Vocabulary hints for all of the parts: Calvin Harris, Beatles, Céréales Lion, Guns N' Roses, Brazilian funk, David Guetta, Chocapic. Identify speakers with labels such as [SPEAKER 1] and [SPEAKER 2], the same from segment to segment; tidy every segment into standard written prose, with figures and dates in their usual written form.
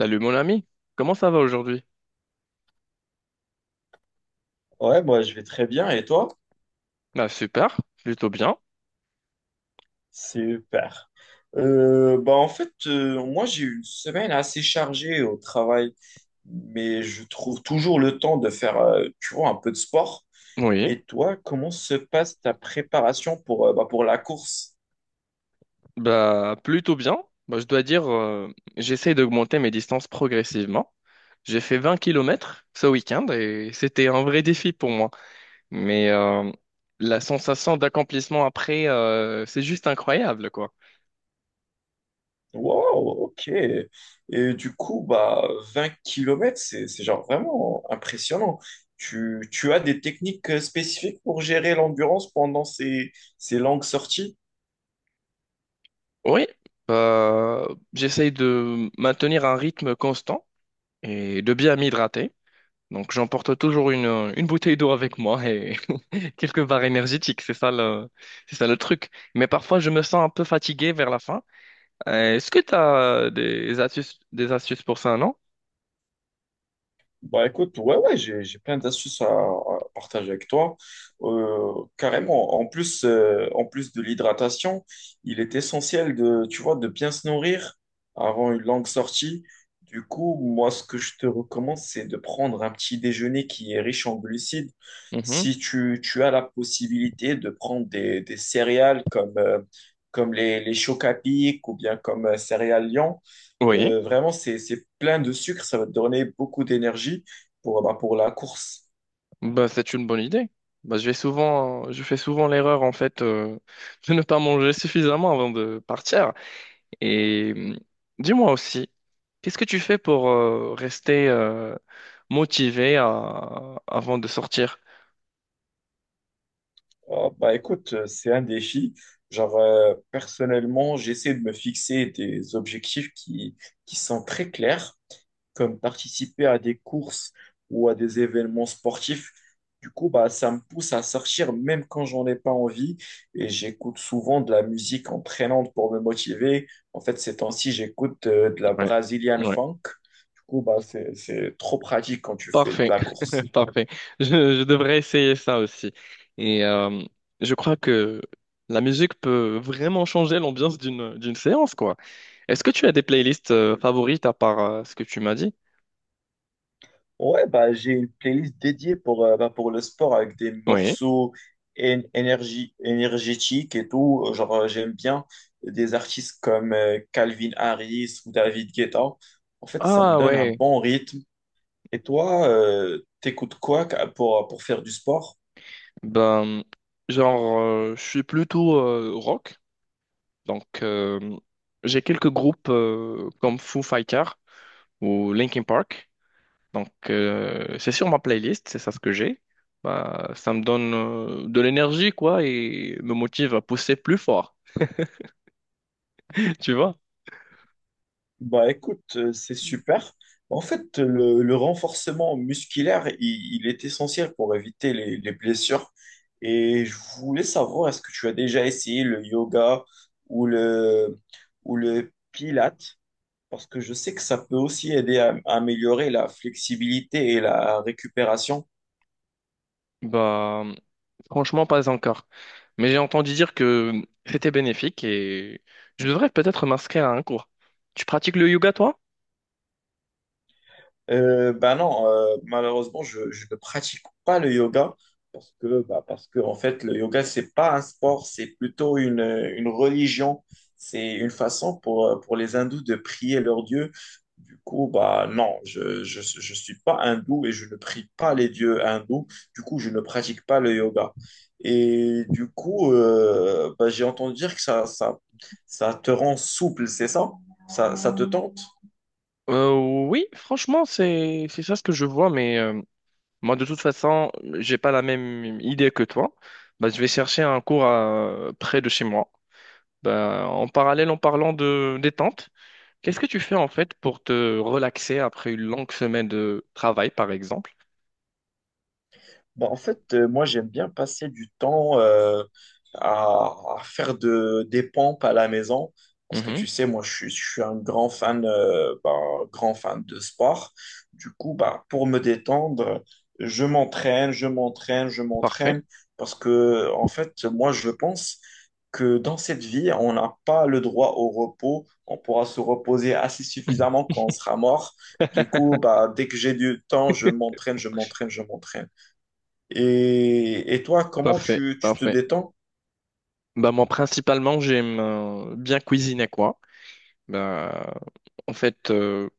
[SPEAKER 1] Salut mon ami, comment ça va aujourd'hui?
[SPEAKER 2] Ouais, moi je vais très bien. Et toi?
[SPEAKER 1] Bah super, plutôt bien.
[SPEAKER 2] Super. Moi j'ai eu une semaine assez chargée au travail, mais je trouve toujours le temps de faire, tu vois, un peu de sport.
[SPEAKER 1] Oui,
[SPEAKER 2] Et toi, comment se passe ta préparation pour, pour la course?
[SPEAKER 1] bah plutôt bien. Bah, je dois dire, j'essaie d'augmenter mes distances progressivement. J'ai fait 20 kilomètres ce week-end et c'était un vrai défi pour moi. Mais la sensation d'accomplissement après, c'est juste incroyable quoi.
[SPEAKER 2] Wow, ok. Et du coup, bah 20 kilomètres, c'est genre vraiment impressionnant. Tu as des techniques spécifiques pour gérer l'endurance pendant ces longues sorties?
[SPEAKER 1] Oui, bah, j'essaie de maintenir un rythme constant et de bien m'hydrater. Donc j'emporte toujours une bouteille d'eau avec moi et quelques barres énergétiques, c'est ça le truc. Mais parfois je me sens un peu fatigué vers la fin. Est-ce que tu as des astuces pour ça, non?
[SPEAKER 2] Bah écoute, ouais, ouais, j'ai plein d'astuces à partager avec toi. Carrément, en plus de l'hydratation, il est essentiel de, tu vois, de bien se nourrir avant une longue sortie. Du coup, moi, ce que je te recommande, c'est de prendre un petit déjeuner qui est riche en glucides.
[SPEAKER 1] Mhm.
[SPEAKER 2] Si tu as la possibilité de prendre des céréales comme, comme les Chocapic ou bien comme Céréales Lion,
[SPEAKER 1] Oui.
[SPEAKER 2] vraiment, c'est plein de sucre, ça va te donner beaucoup d'énergie pour, pour la course.
[SPEAKER 1] Bah, c'est une bonne idée. Bah, je fais souvent l'erreur en fait de ne pas manger suffisamment avant de partir. Et dis-moi aussi, qu'est-ce que tu fais pour rester avant de sortir?
[SPEAKER 2] Ah, bah, écoute, c'est un défi. Genre, personnellement, j'essaie de me fixer des objectifs qui sont très clairs, comme participer à des courses ou à des événements sportifs. Du coup, bah, ça me pousse à sortir même quand j'en ai pas envie et j'écoute souvent de la musique entraînante pour me motiver. En fait, ces temps-ci, j'écoute de la
[SPEAKER 1] Ouais,
[SPEAKER 2] Brazilian
[SPEAKER 1] ouais,
[SPEAKER 2] funk. Du coup, bah, c'est trop pratique quand tu fais de
[SPEAKER 1] parfait,
[SPEAKER 2] la course.
[SPEAKER 1] parfait. Je devrais essayer ça aussi. Et je crois que la musique peut vraiment changer l'ambiance d'une séance, quoi. Est-ce que tu as des playlists favorites à part ce que tu m'as dit?
[SPEAKER 2] Ouais, bah, j'ai une playlist dédiée pour, pour le sport avec des
[SPEAKER 1] Oui.
[SPEAKER 2] morceaux énergie, énergétiques et tout. Genre, j'aime bien des artistes comme Calvin Harris ou David Guetta. En fait, ça me
[SPEAKER 1] Ah
[SPEAKER 2] donne un
[SPEAKER 1] ouais,
[SPEAKER 2] bon rythme. Et toi, t'écoutes quoi pour faire du sport?
[SPEAKER 1] ben genre je suis plutôt rock, donc j'ai quelques groupes comme Foo Fighters ou Linkin Park, donc c'est sur ma playlist, c'est ça ce que j'ai. Bah, ça me donne de l'énergie quoi et me motive à pousser plus fort, tu vois?
[SPEAKER 2] Bah écoute, c'est super. En fait, le renforcement musculaire, il est essentiel pour éviter les blessures. Et je voulais savoir, est-ce que tu as déjà essayé le yoga ou ou le pilates? Parce que je sais que ça peut aussi aider à améliorer la flexibilité et la récupération.
[SPEAKER 1] Bah franchement pas encore, mais j'ai entendu dire que c'était bénéfique et je devrais peut-être m'inscrire à un cours. Tu pratiques le yoga toi?
[SPEAKER 2] Bah non, malheureusement, je ne pratique pas le yoga parce que, bah, parce que en fait, le yoga, c'est pas un sport, c'est plutôt une religion. C'est une façon pour les hindous de prier leur dieu. Du coup, bah non, je suis pas hindou et je ne prie pas les dieux hindous. Du coup, je ne pratique pas le yoga. Et du coup, j'ai entendu dire que ça te rend souple, c'est ça? Ça te tente?
[SPEAKER 1] Euh, oui, franchement, c'est ça ce que je vois, mais moi de toute façon, j'ai pas la même idée que toi. Bah, je vais chercher un près de chez moi. Bah, en parallèle, en parlant de détente, qu'est-ce que tu fais en fait pour te relaxer après une longue semaine de travail, par exemple?
[SPEAKER 2] Bah, en fait, moi, j'aime bien passer du temps à faire des pompes à la maison. Parce que
[SPEAKER 1] Mhm,
[SPEAKER 2] tu sais, moi, je suis un grand fan, grand fan de sport. Du coup, bah, pour me détendre, je m'entraîne, je m'entraîne, je
[SPEAKER 1] parfait.
[SPEAKER 2] m'entraîne. Parce que, en fait, moi, je pense que dans cette vie, on n'a pas le droit au repos. On pourra se reposer assez suffisamment quand on sera mort. Du coup, bah, dès que j'ai du temps, je m'entraîne, je m'entraîne, je m'entraîne. Et toi, comment
[SPEAKER 1] Parfait,
[SPEAKER 2] tu te
[SPEAKER 1] parfait.
[SPEAKER 2] détends?
[SPEAKER 1] Bah moi principalement j'aime bien cuisiner quoi. Bah en fait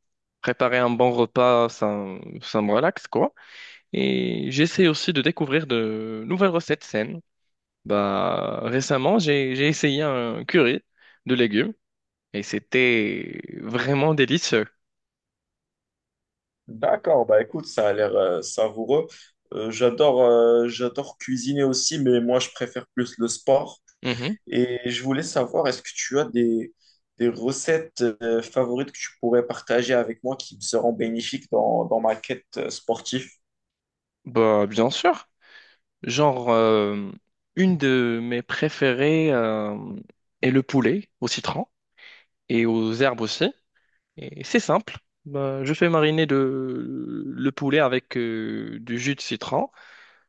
[SPEAKER 1] préparer un bon repas ça me relaxe quoi. Et j'essaie aussi de découvrir de nouvelles recettes saines. Bah, récemment, j'ai essayé un curry de légumes et c'était vraiment délicieux.
[SPEAKER 2] D'accord, bah écoute, ça a l'air savoureux. J'adore j'adore cuisiner aussi, mais moi, je préfère plus le sport.
[SPEAKER 1] Mhm.
[SPEAKER 2] Et je voulais savoir, est-ce que tu as des recettes favorites que tu pourrais partager avec moi qui me seront bénéfiques dans ma quête sportive?
[SPEAKER 1] Bah, bien sûr. Genre, euh, une de mes préférées est le poulet au citron et aux herbes aussi. Et c'est simple. Bah, je fais mariner le poulet avec du jus de citron.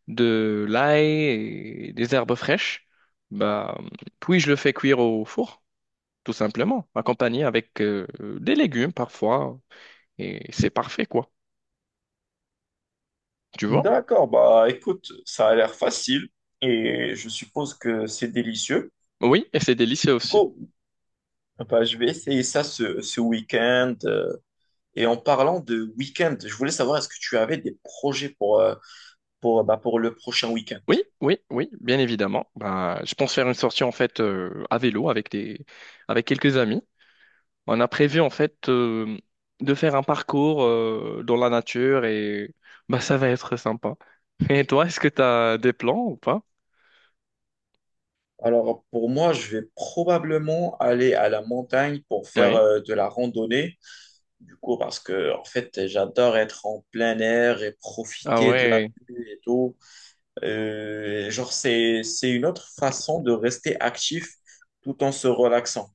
[SPEAKER 1] De l'ail et des herbes fraîches, bah, puis je le fais cuire au four, tout simplement, accompagné avec des légumes parfois, et c'est parfait, quoi. Tu vois?
[SPEAKER 2] D'accord, bah écoute, ça a l'air facile et je suppose que c'est délicieux.
[SPEAKER 1] Oui, et c'est délicieux
[SPEAKER 2] Du
[SPEAKER 1] aussi.
[SPEAKER 2] coup, bah, je vais essayer ça ce week-end. Et en parlant de week-end, je voulais savoir est-ce que tu avais des projets pour, pour le prochain week-end?
[SPEAKER 1] Oui, oui, oui, bien évidemment. Bah, je pense faire une sortie en fait à vélo avec avec quelques amis. On a prévu en fait de faire un parcours dans la nature et bah ça va être sympa. Et toi, est-ce que tu as des plans ou pas?
[SPEAKER 2] Alors pour moi, je vais probablement aller à la montagne pour faire
[SPEAKER 1] Oui.
[SPEAKER 2] de la randonnée. Du coup, parce que en fait, j'adore être en plein air et
[SPEAKER 1] Ah
[SPEAKER 2] profiter de la
[SPEAKER 1] ouais.
[SPEAKER 2] vue et tout. Genre, c'est une autre façon de rester actif tout en se relaxant.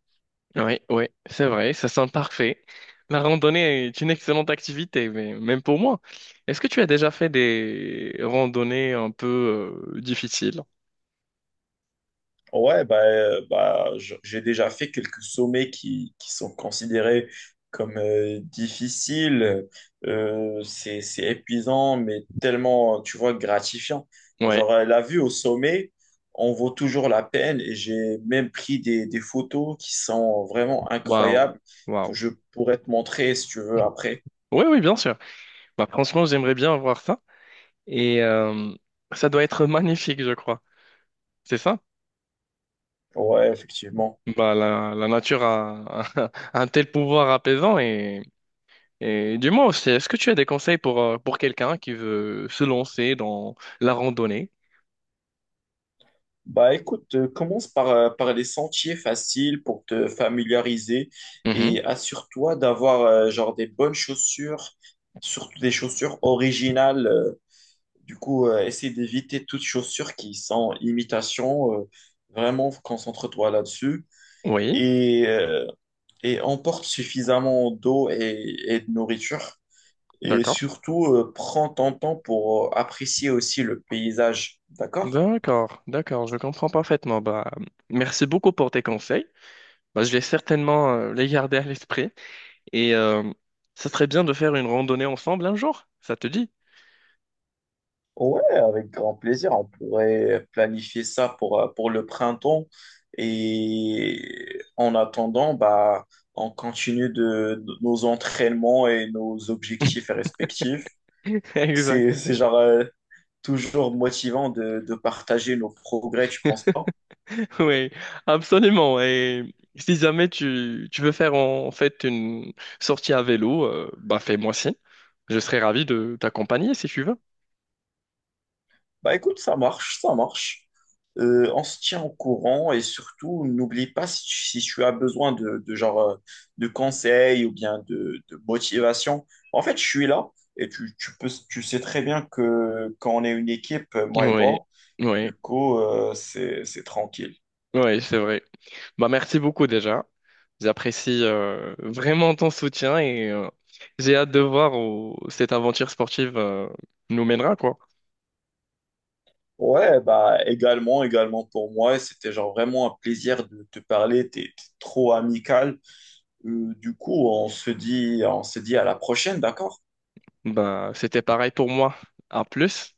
[SPEAKER 1] Oui, oui, c'est vrai, ça sent parfait. La randonnée est une excellente activité, mais même pour moi. Est-ce que tu as déjà fait des randonnées un peu difficiles?
[SPEAKER 2] Ouais, j'ai déjà fait quelques sommets qui sont considérés comme difficiles. C'est épuisant, mais tellement, tu vois, gratifiant.
[SPEAKER 1] Ouais,
[SPEAKER 2] Genre, la vue au sommet, on vaut toujours la peine et j'ai même pris des photos qui sont vraiment
[SPEAKER 1] waouh,
[SPEAKER 2] incroyables que
[SPEAKER 1] waouh.
[SPEAKER 2] je pourrais te montrer si tu veux après.
[SPEAKER 1] Oui, oui, bien sûr. Bah, franchement, j'aimerais bien voir ça. Et ça doit être magnifique, je crois. C'est ça?
[SPEAKER 2] Ouais, effectivement.
[SPEAKER 1] Bah, la nature a un tel pouvoir apaisant et dis-moi aussi, est-ce que tu as des conseils pour quelqu'un qui veut se lancer dans la randonnée?
[SPEAKER 2] Bah écoute, commence par, par les sentiers faciles pour te familiariser
[SPEAKER 1] Mhm.
[SPEAKER 2] et assure-toi d'avoir genre des bonnes chaussures, surtout des chaussures originales. Du coup, essaie d'éviter toutes chaussures qui sont imitation. Vraiment, concentre-toi là-dessus
[SPEAKER 1] Oui.
[SPEAKER 2] et, euh, et emporte suffisamment d'eau et de nourriture. Et
[SPEAKER 1] D'accord.
[SPEAKER 2] surtout, prends ton temps pour apprécier aussi le paysage, d'accord?
[SPEAKER 1] D'accord, d'accord, je comprends parfaitement. Bah, merci beaucoup pour tes conseils. Bah, je vais certainement les garder à l'esprit et ça serait bien de faire une randonnée ensemble un jour, ça te dit?
[SPEAKER 2] Ouais, avec grand plaisir. On pourrait planifier ça pour le printemps. Et en attendant, bah, on continue de nos entraînements et nos objectifs respectifs.
[SPEAKER 1] Exact.
[SPEAKER 2] C'est genre toujours motivant de partager nos progrès, tu penses pas?
[SPEAKER 1] Oui, absolument. Et si jamais tu veux faire en fait une sortie à vélo, bah fais-moi signe. Je serais ravi de t'accompagner si tu veux.
[SPEAKER 2] Bah écoute, ça marche, ça marche. On se tient au courant et surtout, n'oublie pas si si tu as besoin de genre de conseils ou bien de motivation. En fait, je suis là et tu peux, tu sais très bien que quand on est une équipe, moi et
[SPEAKER 1] Oui,
[SPEAKER 2] toi,
[SPEAKER 1] oui,
[SPEAKER 2] du coup, c'est tranquille.
[SPEAKER 1] oui, c'est vrai. Bah, merci beaucoup déjà. J'apprécie vraiment ton soutien et j'ai hâte de voir où cette aventure sportive nous mènera, quoi.
[SPEAKER 2] Ouais, bah également, également pour moi, c'était genre vraiment un plaisir de te parler, t'es trop amical. Du coup, on se dit à la prochaine, d'accord?
[SPEAKER 1] Bah, c'était pareil pour moi. À plus.